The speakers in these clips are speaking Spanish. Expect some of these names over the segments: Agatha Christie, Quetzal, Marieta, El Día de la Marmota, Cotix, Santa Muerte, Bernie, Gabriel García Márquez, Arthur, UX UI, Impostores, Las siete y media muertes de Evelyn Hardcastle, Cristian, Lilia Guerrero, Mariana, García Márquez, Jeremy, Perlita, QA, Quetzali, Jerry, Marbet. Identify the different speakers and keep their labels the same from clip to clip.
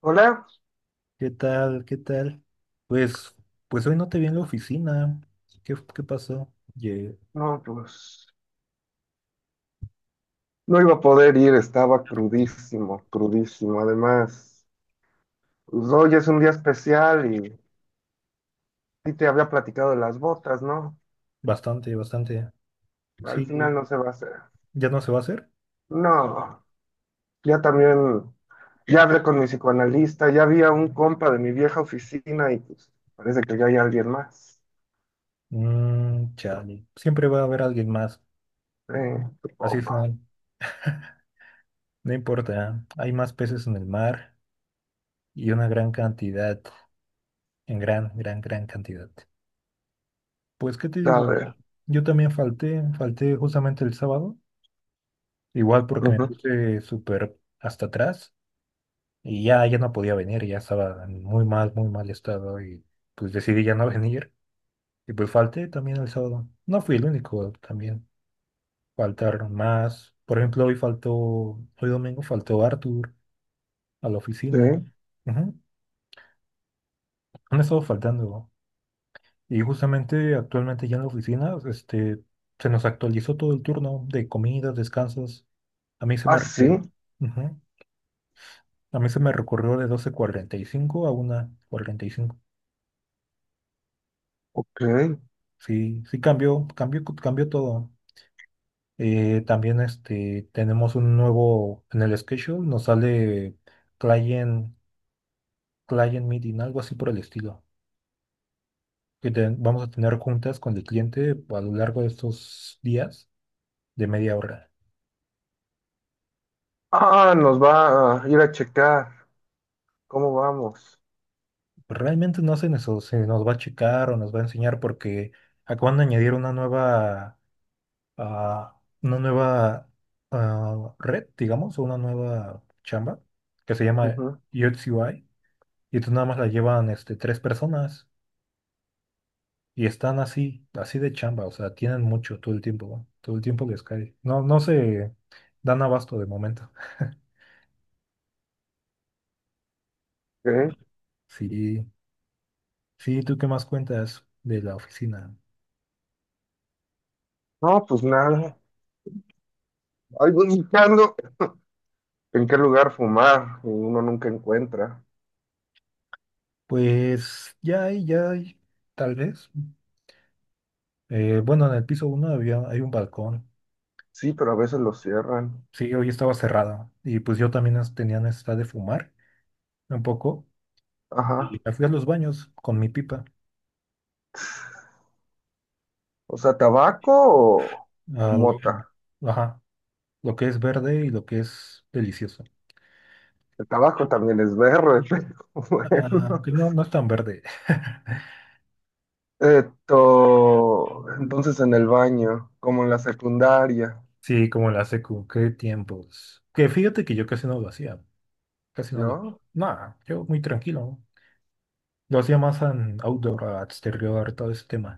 Speaker 1: Hola,
Speaker 2: ¿Qué tal? ¿Qué tal? Pues, pues hoy no te vi en la oficina. ¿Qué, qué pasó?
Speaker 1: no, pues no iba a poder ir, estaba crudísimo, crudísimo. Además, pues, hoy es un día especial y sí te había platicado de las botas, ¿no?
Speaker 2: Bastante, bastante.
Speaker 1: Al final
Speaker 2: Sí,
Speaker 1: no se va a hacer.
Speaker 2: ¿ya no se va a hacer?
Speaker 1: No, ya también, ya hablé con mi psicoanalista, ya había un compa de mi vieja oficina y pues parece que ya hay alguien más.
Speaker 2: Mm, chale. Siempre va a haber alguien más.
Speaker 1: Sí,
Speaker 2: Así
Speaker 1: supongo.
Speaker 2: son. No no importa. Hay más peces en el mar y una gran cantidad, en gran cantidad. Pues, ¿qué te
Speaker 1: A
Speaker 2: digo?
Speaker 1: ver,
Speaker 2: Yo también falté justamente el sábado. Igual porque me
Speaker 1: ujú,
Speaker 2: puse súper hasta atrás. Y ya no podía venir, ya estaba en muy mal estado y pues decidí ya no venir. Y pues falté también el sábado. No fui el único también. Faltaron más. Por ejemplo, hoy domingo faltó Arthur a la
Speaker 1: sí.
Speaker 2: oficina. Ujú. Han estado faltando. Y justamente actualmente ya en la oficina, se nos actualizó todo el turno de comidas, descansos. A mí se me
Speaker 1: Ah, sí,
Speaker 2: recor- Ujú. A mí se me recorrió de doce cuarenta y cinco a una cuarenta y cinco.
Speaker 1: ok.
Speaker 2: Sí, sí cambió todo. También tenemos un nuevo en el schedule, nos sale client, client meeting, algo así por el estilo. Vamos a tener juntas con el cliente a lo largo de estos días de media hora.
Speaker 1: Ah, nos va a ir a checar cómo vamos.
Speaker 2: Realmente no se nos va a checar o nos va a enseñar porque acaban de añadir una nueva, una nueva red, digamos, o una nueva chamba que se llama UX UI. Y tú nada más la llevan tres personas y están así, así de chamba, o sea, tienen mucho todo el tiempo, ¿no? Todo el tiempo les cae. No, no se dan abasto de momento.
Speaker 1: ¿Qué?
Speaker 2: Sí, sí, ¿tú qué más cuentas de la oficina?
Speaker 1: No, pues nada. Ahí voy buscando en qué lugar fumar y uno nunca encuentra.
Speaker 2: Pues tal vez. Bueno, en el piso uno había, hay un balcón.
Speaker 1: Sí, pero a veces lo cierran.
Speaker 2: Sí, hoy estaba cerrada y pues yo también tenía necesidad de fumar un poco y
Speaker 1: Ajá.
Speaker 2: me fui a los baños con mi pipa.
Speaker 1: O sea, tabaco o, o
Speaker 2: Ah,
Speaker 1: mota.
Speaker 2: lo- ajá, lo que es verde y lo que es delicioso.
Speaker 1: El tabaco también es verde, pero
Speaker 2: Ah,
Speaker 1: bueno.
Speaker 2: que no, no es tan verde.
Speaker 1: Esto, entonces en el baño, como en la secundaria,
Speaker 2: Sí, como la secu, qué tiempos. Que fíjate que yo casi no lo hacía, casi no lo...
Speaker 1: ¿no?
Speaker 2: Nada, yo muy tranquilo. Lo hacía más en outdoor, a exterior, todo ese tema.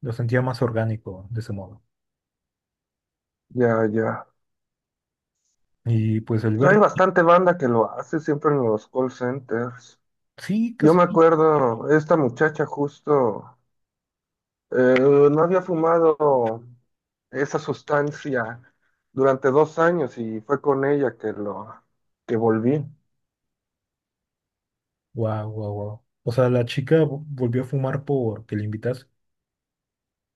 Speaker 2: Lo sentía más orgánico de ese modo.
Speaker 1: Ya, ya.
Speaker 2: Y pues el
Speaker 1: Pues hay
Speaker 2: verde
Speaker 1: bastante banda que lo hace siempre en los call centers.
Speaker 2: sí,
Speaker 1: Yo me
Speaker 2: casi.
Speaker 1: acuerdo, esta muchacha justo. Eh, no había fumado esa sustancia durante 2 años y fue con ella que volví.
Speaker 2: Guau, guau, guau. O sea, volvió a fumar porque le invitas.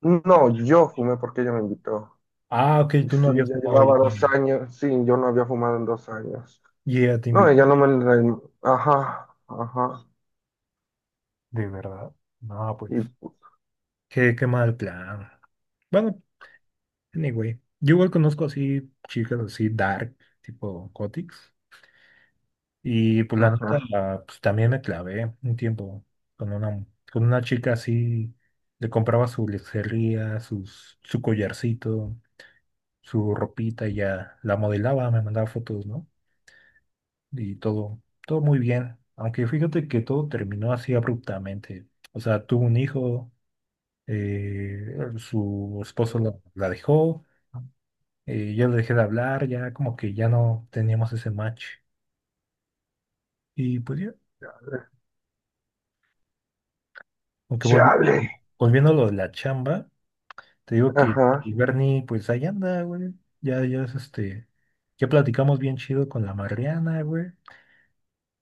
Speaker 1: No, yo fumé porque ella me invitó.
Speaker 2: Ah, ok,
Speaker 1: Y
Speaker 2: tú no
Speaker 1: sí,
Speaker 2: habías
Speaker 1: ya
Speaker 2: fumado
Speaker 1: llevaba 2 años. Sí, yo no había fumado en 2 años.
Speaker 2: y ella te
Speaker 1: No,
Speaker 2: invitó.
Speaker 1: ella no me... Ajá, ajá.
Speaker 2: ¿De verdad? No, pues.
Speaker 1: Y...
Speaker 2: Qué, qué mal plan. Bueno, anyway, yo igual conozco así chicas así dark, tipo Cotix. Y pues la
Speaker 1: Ajá.
Speaker 2: neta, pues también me clavé un tiempo con una, con una chica así, le compraba su lencería, su collarcito, su ropita y ya la modelaba, me mandaba fotos, ¿no? Y todo, todo muy bien. Aunque fíjate que todo terminó así abruptamente. O sea, tuvo un hijo, su esposo la dejó. Ya le dejé de hablar, ya como que ya no teníamos ese match. Y pues ya, aunque
Speaker 1: Chale.
Speaker 2: volví, volviendo a lo de la chamba, te digo que,
Speaker 1: Ajá.
Speaker 2: que Bernie, pues ahí anda, güey. Ya es ya platicamos bien chido con la Mariana, güey.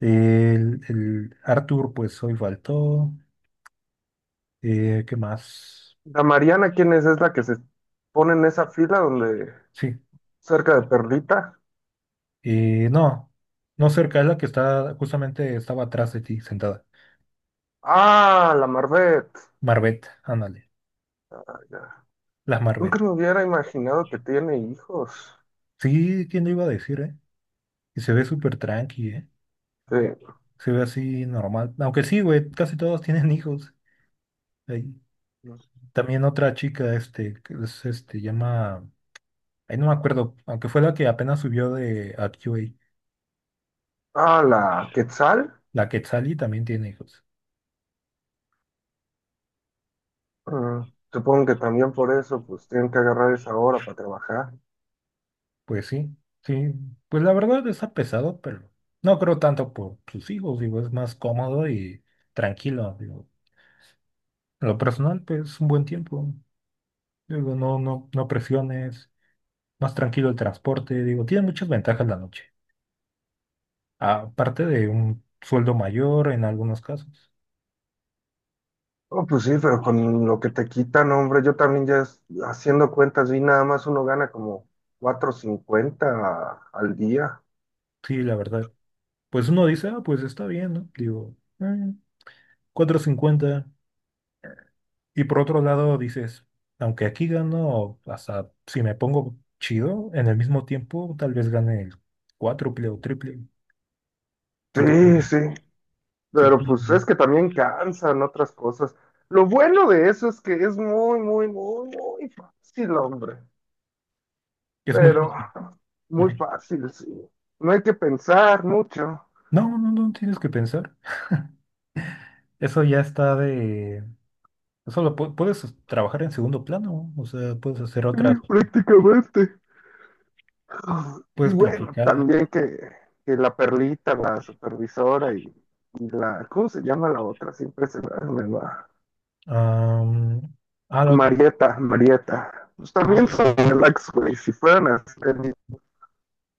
Speaker 2: El Arthur, pues hoy faltó. ¿Qué más?
Speaker 1: La Mariana, ¿quién es? Es la que se pone en esa fila donde...
Speaker 2: Sí.
Speaker 1: Cerca de Perlita.
Speaker 2: No, no cerca, es la que está, justamente estaba atrás de ti, sentada.
Speaker 1: Ah, la Marbet.
Speaker 2: Marbet, ándale, la Marbet.
Speaker 1: Nunca me hubiera imaginado que tiene hijos.
Speaker 2: Sí, ¿quién lo iba a decir, eh? Y se ve súper tranqui, ¿eh?
Speaker 1: Sí.
Speaker 2: Se ve así normal. Aunque sí, güey, casi todos tienen hijos. Ahí. También otra chica, que es, llama, ahí no me acuerdo, aunque fue la que apenas subió de a Q A.
Speaker 1: Ah, la Quetzal.
Speaker 2: La Quetzali también tiene hijos.
Speaker 1: Mm, Supongo que también por eso, pues tienen que agarrar esa hora para trabajar.
Speaker 2: Pues sí, sí, pues la verdad está pesado, pero no creo tanto por sus hijos, digo, es más cómodo y tranquilo, digo. En lo personal, pues es un buen tiempo, digo, no presiones, más tranquilo el transporte, digo, tiene muchas ventajas la noche, aparte de un sueldo mayor en algunos casos.
Speaker 1: Oh, pues sí, pero con lo que te quitan, hombre, yo también haciendo cuentas vi nada más uno gana como 450 al día.
Speaker 2: Sí, la verdad. Pues uno dice, ah, pues está bien, ¿no? Digo, cuatro cincuenta". Y por otro lado dices, aunque aquí gano, hasta si me pongo chido, en el mismo tiempo tal vez gane el cuádruple o triple. Si te
Speaker 1: Sí, sí,
Speaker 2: pones- si te
Speaker 1: pero
Speaker 2: pones
Speaker 1: pues
Speaker 2: bien.
Speaker 1: es que también cansan otras cosas. Lo bueno de eso es que es muy, muy, muy, muy fácil, hombre.
Speaker 2: Es muy
Speaker 1: Pero
Speaker 2: difícil.
Speaker 1: muy
Speaker 2: Ajá.
Speaker 1: fácil, sí. No hay que pensar mucho.
Speaker 2: No, no tienes que pensar. Eso ya está de... puedes trabajar en segundo plano. O sea, puedes hacer
Speaker 1: Sí,
Speaker 2: otras,
Speaker 1: prácticamente. Y
Speaker 2: puedes
Speaker 1: bueno,
Speaker 2: platicar.
Speaker 1: también que la Perlita, la supervisora y la, ¿cómo se llama la otra? Siempre se me va.
Speaker 2: Am, la otra.
Speaker 1: Marieta, Marieta. Pues
Speaker 2: Ah,
Speaker 1: también son relax, güey. Si fueran así,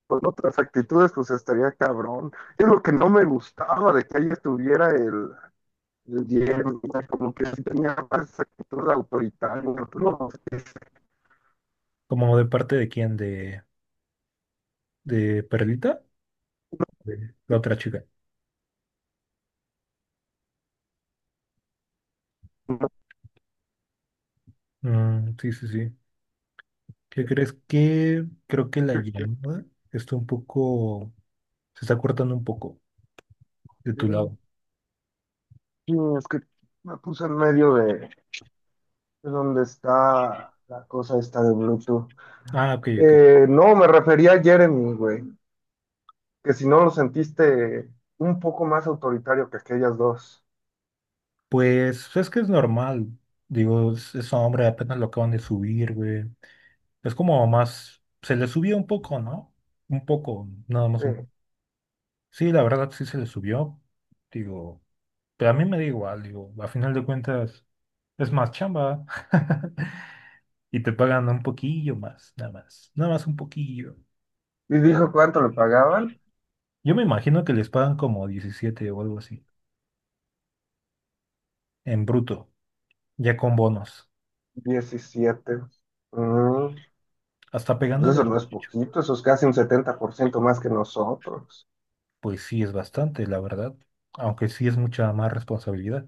Speaker 1: con otras actitudes, pues estaría cabrón. Es lo que no me gustaba de que ahí estuviera el Jerry, como que sí tenía más actitud autoritaria, pero no, es
Speaker 2: ¿como de parte de quién? De Perlita? De la otra chica. Mm, sí, sí, sí. ¿Qué crees? Que creo que la
Speaker 1: Sí,
Speaker 2: llamada está un poco... Se está cortando un poco de tu lado.
Speaker 1: es que me puse en medio de donde está la cosa esta de Bluetooth.
Speaker 2: Ah, ok, ok.
Speaker 1: No, me refería a Jeremy, güey, que si no lo sentiste un poco más autoritario que aquellas dos.
Speaker 2: Pues es que es normal. Digo, es hombre, apenas lo acaban de subir, güey. Es como más... Se le subió un poco, ¿no? Un poco, nada más
Speaker 1: Sí.
Speaker 2: un... Sí, la verdad sí se le subió. Digo... Pero a mí me da igual, digo, a final de cuentas es más chamba y te pagan un poquillo más, nada más, nada más un poquillo.
Speaker 1: Y dijo cuánto le pagaban.
Speaker 2: Yo me imagino que les pagan como 17 o algo así, en bruto, ya con bonos,
Speaker 1: 17. Mm,
Speaker 2: hasta
Speaker 1: pues
Speaker 2: pegándole
Speaker 1: eso
Speaker 2: el
Speaker 1: no es
Speaker 2: 18.
Speaker 1: poquito, eso es casi un 70% más que nosotros.
Speaker 2: Pues sí, es bastante, la verdad, aunque sí es mucha más responsabilidad.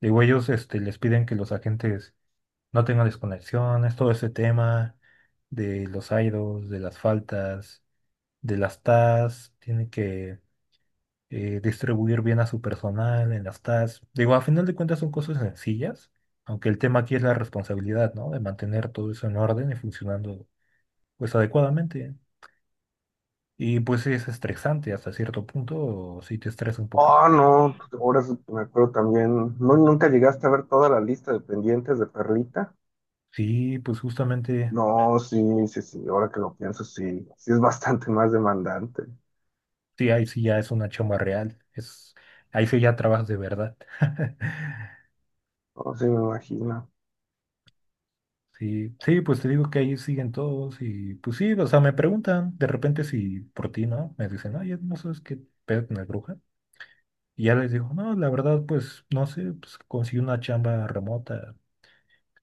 Speaker 2: Digo, ellos les piden que los agentes no tengan desconexiones, todo ese tema de los idos, de las faltas, de las TAS, tiene que distribuir bien a su personal en las tasks. Digo, a final de cuentas son cosas sencillas, aunque el tema aquí es la responsabilidad, ¿no? De mantener todo eso en orden y funcionando pues adecuadamente. Y pues sí es estresante hasta cierto punto, si te estresa un poquito.
Speaker 1: Oh, no, ahora sí que me acuerdo también, ¿no nunca llegaste a ver toda la lista de pendientes de Perlita?
Speaker 2: Sí, pues justamente,
Speaker 1: No, sí, sí, sí, ahora que lo pienso, sí, sí es bastante más demandante.
Speaker 2: sí, ahí sí ya es una chamba real, es, ahí sí ya trabajas de verdad.
Speaker 1: No, sí, me imagino.
Speaker 2: Sí, sí, pues te digo que ahí siguen todos y pues sí, o sea, me preguntan de repente si por ti, ¿no? Me dicen, oye, ¿no sabes qué pedo con la bruja? Y ya les digo, no, la verdad, pues, no sé, pues conseguí una chamba remota,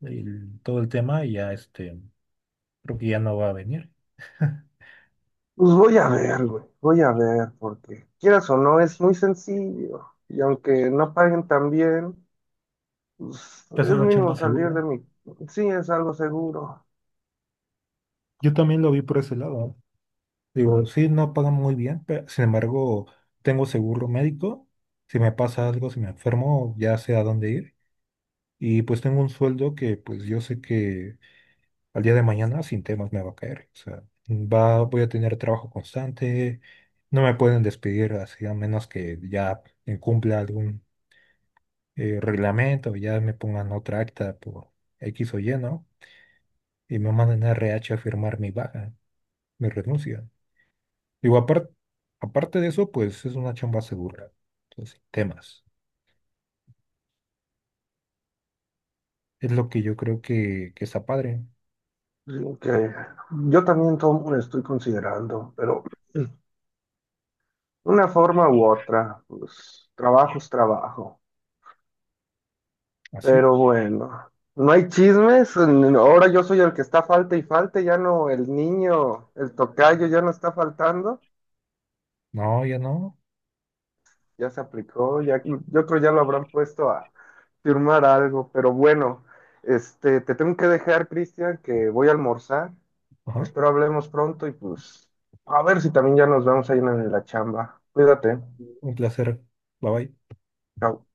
Speaker 2: todo el tema, y ya creo que ya no va a venir.
Speaker 1: Pues voy a ver, güey, voy a ver, porque quieras o no, es muy sencillo. Y aunque no paguen tan bien, pues
Speaker 2: Es
Speaker 1: es
Speaker 2: una
Speaker 1: mínimo
Speaker 2: chamba
Speaker 1: salir
Speaker 2: segura.
Speaker 1: de mi... Sí, es algo seguro.
Speaker 2: Yo también lo vi por ese lado, ¿eh? Digo, sí, no pagan muy bien, pero sin embargo, tengo seguro médico. Si me pasa algo, si me enfermo, ya sé a dónde ir. Y pues tengo un sueldo que pues yo sé que al día de mañana sin temas me va a caer. O sea, va, voy a tener trabajo constante, no me pueden despedir así a menos que ya incumpla algún reglamento, ya me pongan otra acta por X o Y, ¿no? Y me manden a RH a firmar mi baja, mi renuncia. Digo, aparte, aparte de eso, pues es una chamba segura. Entonces, sin temas. Es lo que yo creo que está padre.
Speaker 1: Sí, que yo también tomo, estoy considerando, pero una forma u otra, pues trabajo es trabajo.
Speaker 2: Así.
Speaker 1: Pero bueno, no hay chismes. Ahora yo soy el que está falta y falta. Ya no, el niño, el tocayo ya no está faltando.
Speaker 2: No, ya no.
Speaker 1: Ya se aplicó. Ya, yo creo ya lo habrán puesto a firmar algo. Pero bueno, este, te tengo que dejar, Cristian, que voy a almorzar.
Speaker 2: Ajá.
Speaker 1: Espero hablemos pronto y pues a ver si también ya nos vemos ahí en la chamba. Cuídate.
Speaker 2: Un placer. Bye bye.
Speaker 1: Chao.